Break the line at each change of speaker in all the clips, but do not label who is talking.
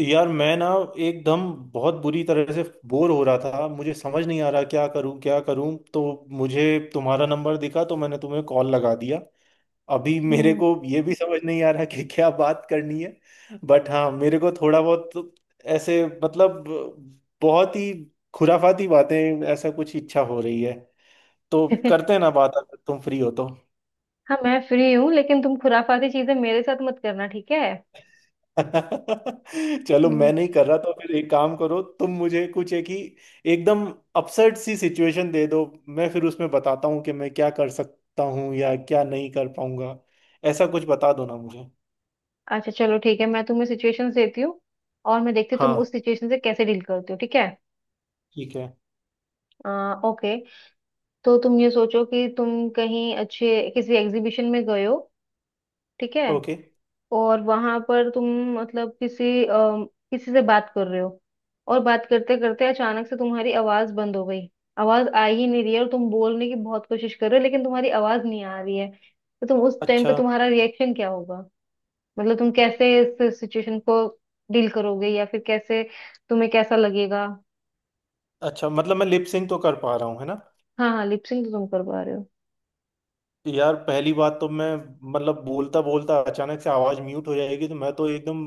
यार मैं ना एकदम बहुत बुरी तरह से बोर हो रहा था। मुझे समझ नहीं आ रहा क्या करूं तो मुझे तुम्हारा नंबर दिखा तो मैंने तुम्हें कॉल लगा दिया। अभी मेरे
हम्म।
को ये भी समझ नहीं आ रहा कि क्या बात करनी है। बट हाँ मेरे को थोड़ा बहुत ऐसे मतलब बहुत ही खुराफाती बातें ऐसा कुछ इच्छा हो रही है। तो करते हैं ना बात, अगर तुम फ्री हो तो।
हाँ मैं फ्री हूँ, लेकिन तुम खुराफाती चीजें मेरे साथ मत करना, ठीक है।
चलो मैं नहीं
हम्म।
कर रहा तो फिर एक काम करो, तुम मुझे कुछ एक ही एकदम अपसेट सी सिचुएशन दे दो। मैं फिर उसमें बताता हूँ कि मैं क्या कर सकता हूँ या क्या नहीं कर पाऊंगा। ऐसा कुछ बता दो ना मुझे।
अच्छा, चलो ठीक है, मैं तुम्हें सिचुएशंस देती हूँ और मैं देखती हूँ तुम
हाँ
उस सिचुएशन से कैसे डील करती हो, ठीक है।
ठीक है।
ओके। तो तुम ये सोचो कि तुम कहीं अच्छे किसी एग्जीबिशन में गए हो, ठीक है।
ओके।
और वहां पर तुम मतलब किसी किसी से बात कर रहे हो और बात करते करते अचानक से तुम्हारी आवाज बंद हो गई। आवाज आ ही नहीं रही है और तुम बोलने की बहुत कोशिश कर रहे हो, लेकिन तुम्हारी आवाज नहीं आ रही है। तो तुम उस टाइम पे
अच्छा।
तुम्हारा रिएक्शन क्या होगा? मतलब तुम कैसे इस सिचुएशन को डील करोगे या फिर कैसे, तुम्हें कैसा लगेगा?
अच्छा मतलब मैं लिप सिंक तो कर पा रहा हूँ, है ना?
हाँ हाँ, लिपसिंग तो तुम कर पा रहे हो।
यार पहली बात तो मैं मतलब बोलता बोलता अचानक से आवाज म्यूट हो जाएगी तो मैं तो एकदम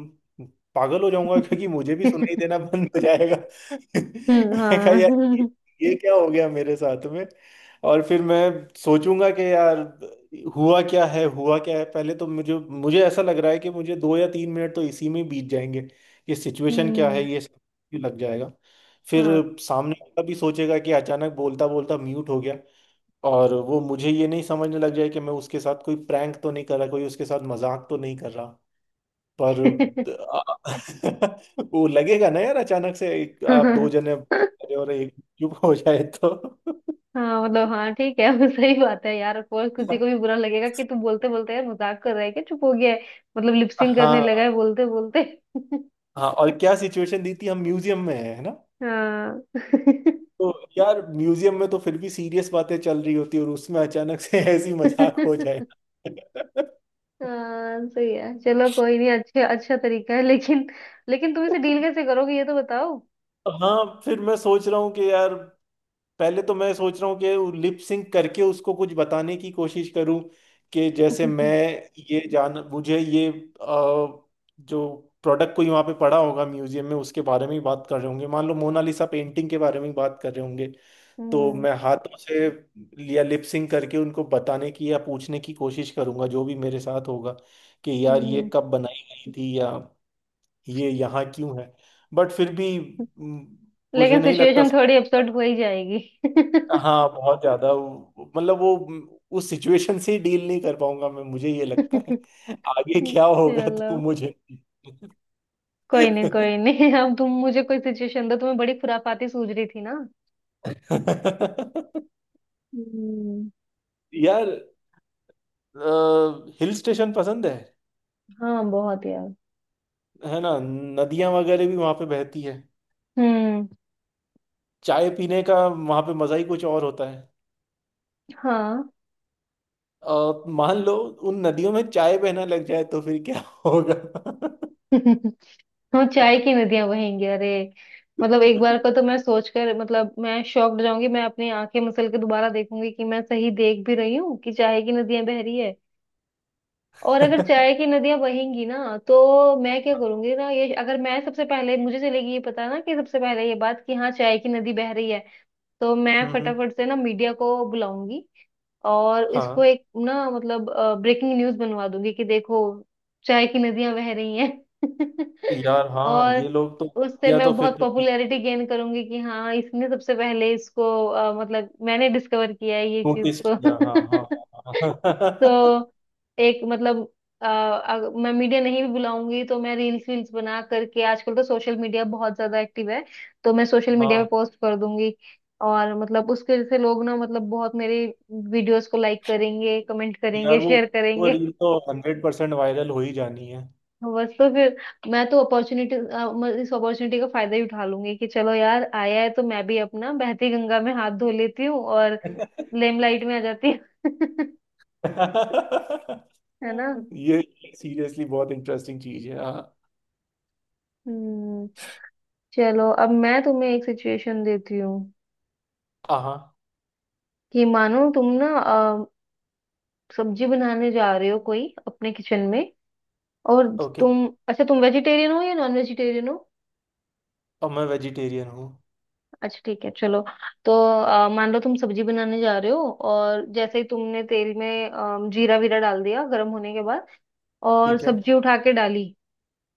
पागल हो जाऊंगा। क्योंकि मुझे भी सुनाई देना बंद हो जाएगा। मैं कहा यार ये
हाँ।
ये क्या हो गया मेरे साथ में। और फिर मैं सोचूंगा कि यार हुआ क्या है हुआ क्या है, पहले तो मुझे मुझे ऐसा लग रहा है कि मुझे 2 या 3 मिनट तो इसी में बीत जाएंगे। ये सिचुएशन क्या है
हम्म
ये सब भी लग जाएगा। फिर
हाँ।
सामने वाला भी सोचेगा कि अचानक बोलता बोलता म्यूट हो गया। और वो मुझे ये नहीं समझने लग जाए कि मैं उसके साथ कोई प्रैंक तो नहीं कर रहा, कोई उसके साथ मजाक तो नहीं कर रहा। पर वो लगेगा ना यार, अचानक से एक, आप दो
हाँ
जने अरे और एक चुप हो जाए तो।
हाँ, मतलब हाँ ठीक है। वो सही बात है यार, और किसी को भी बुरा लगेगा कि तू बोलते बोलते यार मजाक कर रहा है क्या, चुप हो गया है। मतलब लिपसिंग करने
हाँ
लगा है बोलते बोलते।
हाँ। और क्या सिचुएशन दी थी, हम म्यूजियम में है ना?
हाँ।
तो यार म्यूजियम में तो फिर भी सीरियस बातें चल रही होती है और उसमें अचानक से ऐसी मजाक हो जाए।
हाँ सही है, चलो कोई नहीं, अच्छे अच्छा तरीका है, लेकिन लेकिन तुम इसे डील कैसे करोगे ये तो बताओ।
हाँ फिर मैं सोच रहा हूँ कि यार पहले तो मैं सोच रहा हूँ कि लिप सिंक करके उसको कुछ बताने की कोशिश करूँ। कि जैसे मैं
हम्म।
ये जान मुझे ये जो प्रोडक्ट कोई वहाँ पे पड़ा होगा म्यूजियम में उसके बारे में ही बात कर रहे होंगे, मान लो मोनालिसा पेंटिंग के बारे में ही बात कर रहे होंगे। तो मैं हाथों से या लिप सिंक करके उनको बताने की या पूछने की कोशिश करूंगा जो भी मेरे साथ होगा। कि यार ये
हम्म।
कब बनाई गई थी या ये यहाँ क्यों है। बट फिर भी म, मुझे
लेकिन
नहीं लगता।
सिचुएशन थोड़ी अपसेट हो ही जाएगी।
हाँ बहुत ज्यादा वो उस सिचुएशन से डील नहीं कर पाऊंगा मैं, मुझे ये लगता है। आगे क्या होगा
चलो
तो मुझे नहीं।
कोई नहीं कोई नहीं। अब तुम मुझे कोई सिचुएशन दो, तुम्हें बड़ी खुराफाती सूझ रही थी ना। हम्म।
यार हिल स्टेशन पसंद है।
हाँ बहुत यार।
है ना, नदियां वगैरह भी वहां पे बहती है।
हम्म।
चाय पीने का वहां पे मजा ही कुछ और होता है।
हाँ।
मान लो उन नदियों में चाय बहना लग जाए तो फिर क्या होगा?
हम चाय की नदियां बहेंगी? अरे, मतलब एक बार को तो मैं सोचकर, मतलब मैं शॉक्ड जाऊंगी, मैं अपनी आंखें मसल के दोबारा देखूंगी कि मैं सही देख भी रही हूँ कि चाय की नदियां बह रही है। और अगर चाय की नदियां बहेंगी ना तो मैं क्या करूंगी ना, ये अगर मैं सबसे पहले, मुझे चलेगी ये पता ना कि सबसे पहले ये बात कि हाँ चाय की नदी बह रही है, तो मैं
हम्म
फटाफट से ना मीडिया को बुलाऊंगी और इसको
हाँ।
एक ना मतलब ब्रेकिंग न्यूज बनवा दूंगी कि देखो चाय की नदियां बह रही हैं।
यार हाँ
और
ये लोग तो
उससे
या
मैं
तो फिर
बहुत
तो
पॉपुलैरिटी गेन करूंगी कि हाँ इसने सबसे पहले इसको मतलब मैंने डिस्कवर किया है ये चीज
नोटिस
को।
किया। हाँ हाँ। हाँ हाँ।
तो एक मतलब मैं मीडिया नहीं भी बुलाऊंगी तो मैं रील्स वील्स बना करके, आजकल तो सोशल मीडिया बहुत ज्यादा एक्टिव है, तो मैं सोशल मीडिया पे
हाँ,
पोस्ट कर दूंगी। और मतलब उसके वजह से लोग ना मतलब बहुत मेरे वीडियोस को लाइक करेंगे, कमेंट करेंगे,
यार वो
शेयर
वो
करेंगे।
रील तो 100% वायरल हो ही जानी है।
बस तो फिर मैं तो अपॉर्चुनिटी इस अपॉर्चुनिटी का फायदा ही उठा लूंगी कि चलो यार आया है तो मैं भी अपना बहती गंगा में हाथ धो लेती हूँ और लेमलाइट में आ जाती हूँ। है ना।
ये सीरियसली बहुत इंटरेस्टिंग चीज है। हाँ।
हम्म। चलो अब मैं तुम्हें एक सिचुएशन देती हूँ
हाँ।
कि मानो तुम ना सब्जी बनाने जा रहे हो कोई अपने किचन में, और
ओके।
तुम, अच्छा तुम वेजिटेरियन हो या नॉन वेजिटेरियन हो?
और मैं वेजिटेरियन हूँ।
अच्छा ठीक है चलो। तो मान लो तुम सब्जी बनाने जा रहे हो और जैसे ही तुमने तेल में जीरा वीरा डाल दिया गर्म होने के बाद और
ठीक है।
सब्जी उठा के डाली,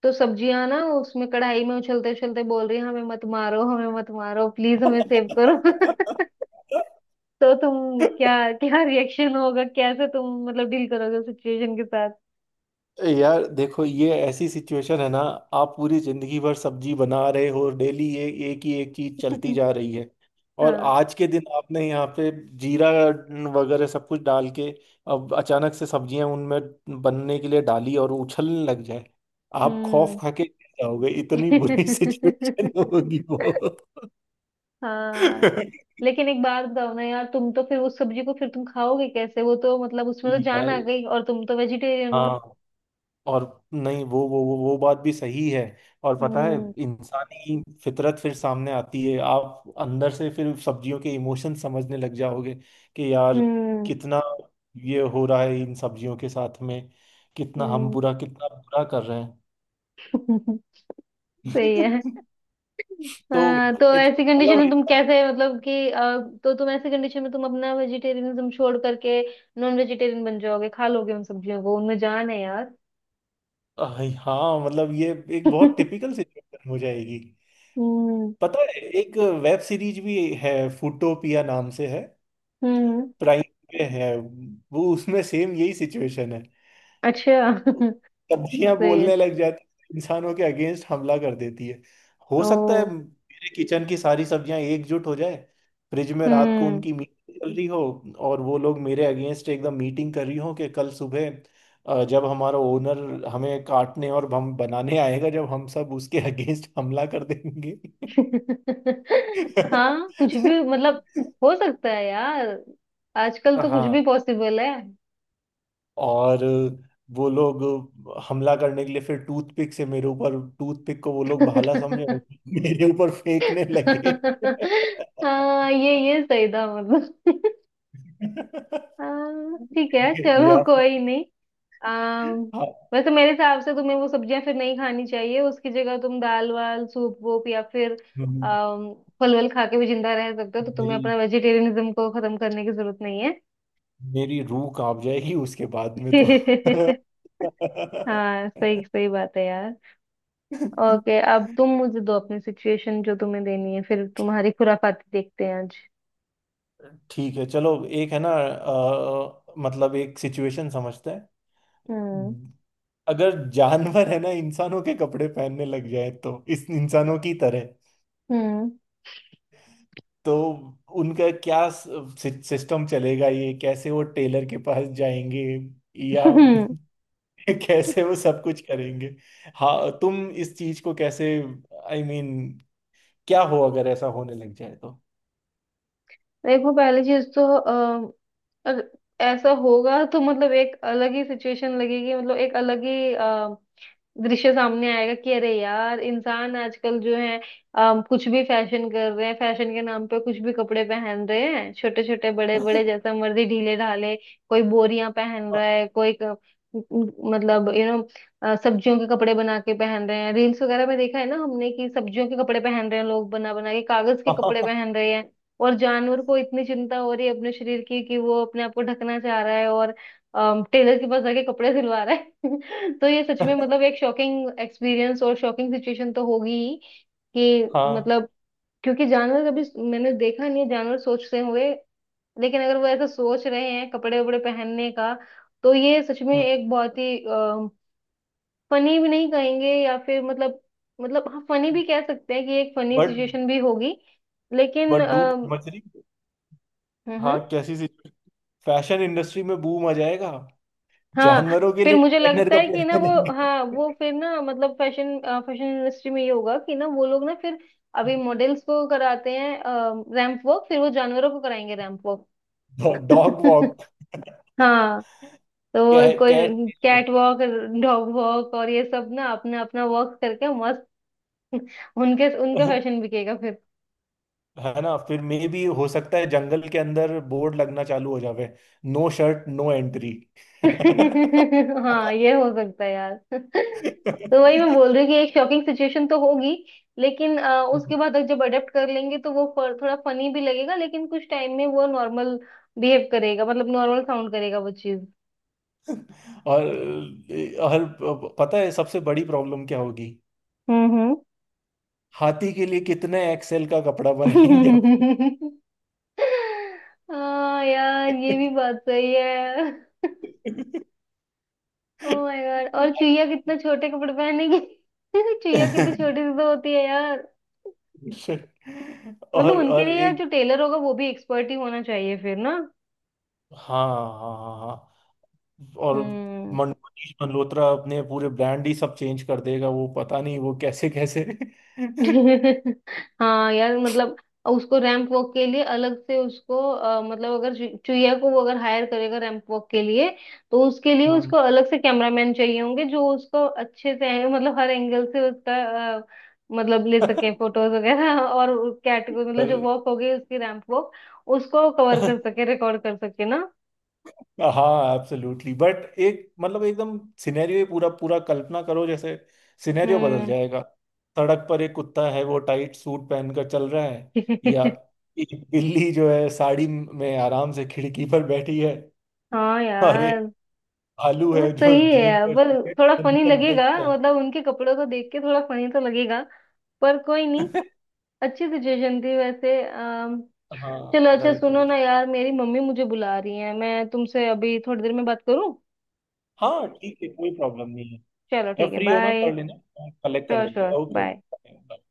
तो सब्जियां ना उसमें कढ़ाई में उछलते उछलते बोल रही हैं, हमें मत मारो, हमें मत मारो, प्लीज हमें सेव करो। तो तुम क्या, क्या रिएक्शन होगा, कैसे तुम मतलब डील करोगे सिचुएशन के साथ?
यार देखो ये ऐसी सिचुएशन है ना। आप पूरी जिंदगी भर सब्जी बना रहे हो डेली, ये एक ही एक चीज चलती जा रही है। और
हाँ।
आज के दिन आपने यहाँ पे जीरा वगैरह सब कुछ डाल के अब अचानक से सब्जियां उनमें बनने के लिए डाली और उछलने लग जाए। आप खौफ
हम्म।
खा के गिर जाओगे, इतनी बुरी सिचुएशन होगी वो।
हाँ, लेकिन एक बात बताओ ना यार, तुम तो फिर उस सब्जी को फिर तुम खाओगे कैसे? वो तो मतलब उसमें तो जान
यार
आ गई और तुम तो वेजिटेरियन हो।
हाँ और नहीं वो बात भी सही है। और पता है
हम्म।
इंसानी फितरत फिर सामने आती है, आप अंदर से फिर सब्जियों के इमोशन समझने लग जाओगे। कि यार
हम्म।
कितना ये हो रहा है इन सब्जियों के साथ में। कितना हम
हम्म।
बुरा कितना बुरा कर रहे हैं।
सही है।
तो
हाँ तो
it-
ऐसी कंडीशन में तुम
मतलब
कैसे मतलब कि तो तुम ऐसी कंडीशन में तुम अपना वेजिटेरियनिज्म छोड़ करके नॉन वेजिटेरियन बन जाओगे, खा लोगे उन सब्जियों को, उनमें जान है यार।
ये- हाँ मतलब ये एक बहुत टिपिकल सिचुएशन हो जाएगी।
हम्म।
पता है एक वेब सीरीज भी है, फूटोपिया नाम से है।
हम्म।
प्राइम पे है वो, उसमें सेम यही सिचुएशन है।
अच्छा। सही
सब्जियां
है।
बोलने लग जाती है, इंसानों के अगेंस्ट हमला कर देती है। हो सकता है
ओ।
मेरे किचन की सारी सब्जियां एकजुट हो जाए। फ्रिज में रात को
हम्म।
उनकी मीटिंग चल रही हो और वो लोग मेरे अगेंस्ट एकदम मीटिंग कर रही हो कि कल सुबह जब हमारा ओनर हमें काटने और हम बनाने आएगा जब हम सब उसके अगेंस्ट हमला कर देंगे।
हाँ कुछ भी मतलब, हो सकता है यार, आजकल तो कुछ भी
हाँ
पॉसिबल है।
और वो लोग हमला करने के लिए फिर टूथपिक से मेरे ऊपर, टूथपिक को वो लोग भाला समझे और मेरे ऊपर फेंकने लगे।
हाँ ये सही था मतलब। हाँ, ठीक है चलो
या फिर।
कोई नहीं। आम,
हाँ।
वैसे मेरे हिसाब से तुम्हें वो सब्जियां फिर नहीं खानी चाहिए, उसकी जगह तुम दाल वाल सूप वूप या फिर
हम्म,
अम, फल वल खा के भी जिंदा रह सकते हो, तो तुम्हें
मेरी
अपना वेजिटेरियनिज्म को खत्म करने की जरूरत नहीं है।
मेरी रूह कांप जाएगी उसके बाद में तो।
हाँ सही सही बात है यार। ओके अब तुम मुझे दो अपनी सिचुएशन, जो तुम्हें देनी है, फिर तुम्हारी खुराफाती देखते हैं आज।
ठीक है चलो, एक है ना मतलब एक सिचुएशन समझते हैं।
हम्म।
अगर जानवर है ना इंसानों के कपड़े पहनने लग जाए तो, इस इंसानों की तरह
हम्म।
तो उनका क्या सिस्टम चलेगा, ये कैसे वो टेलर के पास जाएंगे या कैसे वो सब कुछ करेंगे? हाँ तुम इस चीज को कैसे आई I मीन mean, क्या हो अगर ऐसा होने लग जाए तो?
देखो पहली चीज तो अगर ऐसा होगा तो मतलब एक अलग ही सिचुएशन लगेगी, मतलब एक अलग ही दृश्य सामने आएगा कि अरे यार, इंसान आजकल जो है कुछ भी फैशन कर रहे हैं, फैशन के नाम पे कुछ भी कपड़े पहन रहे हैं, छोटे छोटे बड़े बड़े जैसा मर्जी ढीले ढाले, कोई बोरियां पहन रहा है, कोई मतलब सब्जियों के कपड़े बना के पहन रहे हैं, रील्स वगैरह में देखा है ना हमने कि सब्जियों के कपड़े पहन रहे हैं लोग बना बना के, कागज के कपड़े पहन रहे हैं। और जानवर को इतनी चिंता हो रही है अपने शरीर की कि वो अपने आप को ढकना चाह रहा है और टेलर के पास जाके कपड़े सिलवा रहा है। तो ये सच में मतलब एक शॉकिंग एक्सपीरियंस और शॉकिंग सिचुएशन तो होगी ही, कि
हाँ
मतलब क्योंकि जानवर कभी, मैंने देखा नहीं है जानवर सोचते हुए, लेकिन अगर वो ऐसा सोच रहे हैं कपड़े वपड़े पहनने का, तो ये सच में एक बहुत ही फनी भी नहीं कहेंगे या फिर मतलब हाँ फनी भी कह सकते हैं कि एक फनी
बट
सिचुएशन भी होगी। लेकिन
बट डूड समझ रही।
हम्म। हम्म।
हाँ कैसी सी, फैशन इंडस्ट्री में बूम आ जाएगा।
हाँ
जानवरों के
फिर
लिए
मुझे
डिजाइनर
लगता है
कपड़े
कि ना वो,
बनेंगे।
हाँ वो फिर ना मतलब फैशन, फैशन इंडस्ट्री में ये होगा कि ना वो लोग ना फिर, अभी मॉडल्स को कराते हैं रैंप वॉक, फिर वो जानवरों को कराएंगे रैंप वॉक।
Dog walk.
हाँ, तो वो
कैट।
कोई कैट वॉक, डॉग वॉक, और ये सब ना अपना अपना वॉक करके मस्त। उनके उनका फैशन बिकेगा।
है ना फिर मे भी हो सकता है जंगल के अंदर बोर्ड लगना चालू हो जावे। No shirt no entry.
हाँ ये हो सकता है यार। तो वही मैं बोल रही हूँ कि एक शॉकिंग सिचुएशन तो होगी, लेकिन उसके बाद जब अडेप्ट कर लेंगे तो वो थोड़ा फनी भी लगेगा, लेकिन कुछ टाइम में वो नॉर्मल बिहेव करेगा, मतलब नॉर्मल साउंड करेगा वो चीज।
और और पता है सबसे बड़ी प्रॉब्लम क्या होगी?
हम्म।
हाथी के लिए कितने एक्सेल का कपड़ा बनाएंगे अपन?
हम्म। हाँ यार ये भी बात सही है। ओ माय गॉड, और चुईया कितना छोटे कपड़े पहनेगी। चुईया कितनी छोटी सी तो होती है यार, मतलब
और
उनके
और
लिए यार
एक।
जो टेलर होगा वो भी एक्सपर्ट ही होना चाहिए फिर ना।
हाँ हाँ। हाँ हाँ। और
हम्म।
मनीष मल्होत्रा अपने पूरे ब्रांड ही सब चेंज कर देगा, वो पता नहीं वो कैसे कैसे।
हाँ यार मतलब उसको रैंप वॉक के लिए अलग से, उसको मतलब अगर चुईया को वो अगर हायर करेगा रैंप वॉक के लिए, तो उसके लिए
हम्म।
उसको अलग से कैमरामैन चाहिए होंगे, जो उसको अच्छे से मतलब हर एंगल से उसका अ, मतलब ले सके फोटोज वगैरह, और कैट को, मतलब जो
पर-
वॉक हो गई उसकी रैंप वॉक, उसको कवर कर सके, रिकॉर्ड कर सके ना।
हाँ एब्सोल्युटली, बट एक मतलब एकदम सिनेरियो ही पूरा पूरा कल्पना करो जैसे। सिनेरियो बदल
हम्म।
जाएगा। सड़क पर एक कुत्ता है वो टाइट सूट पहनकर चल रहा है। या एक बिल्ली जो है साड़ी में आराम से खिड़की पर बैठी है।
हाँ
और एक
यार
भालू
वो
है जो
सही है
जीन
यार,
पर
पर
जैकेट
थोड़ा फनी
पहनकर बैठ
लगेगा,
चल।
मतलब उनके कपड़ों को देख के थोड़ा फनी तो लगेगा, पर कोई नहीं, अच्छी सिचुएशन थी वैसे।
हाँ
चलो अच्छा,
राइट।
सुनो ना यार, मेरी मम्मी मुझे बुला रही है, मैं तुमसे अभी थोड़ी देर में बात करूं।
हाँ ठीक है, कोई प्रॉब्लम नहीं है।
चलो ठीक
जब
है,
फ्री हो ना
बाय।
कर लेना। कलेक्ट कर
श्योर
लेंगे।
Sure,
okay
bye.
ओके।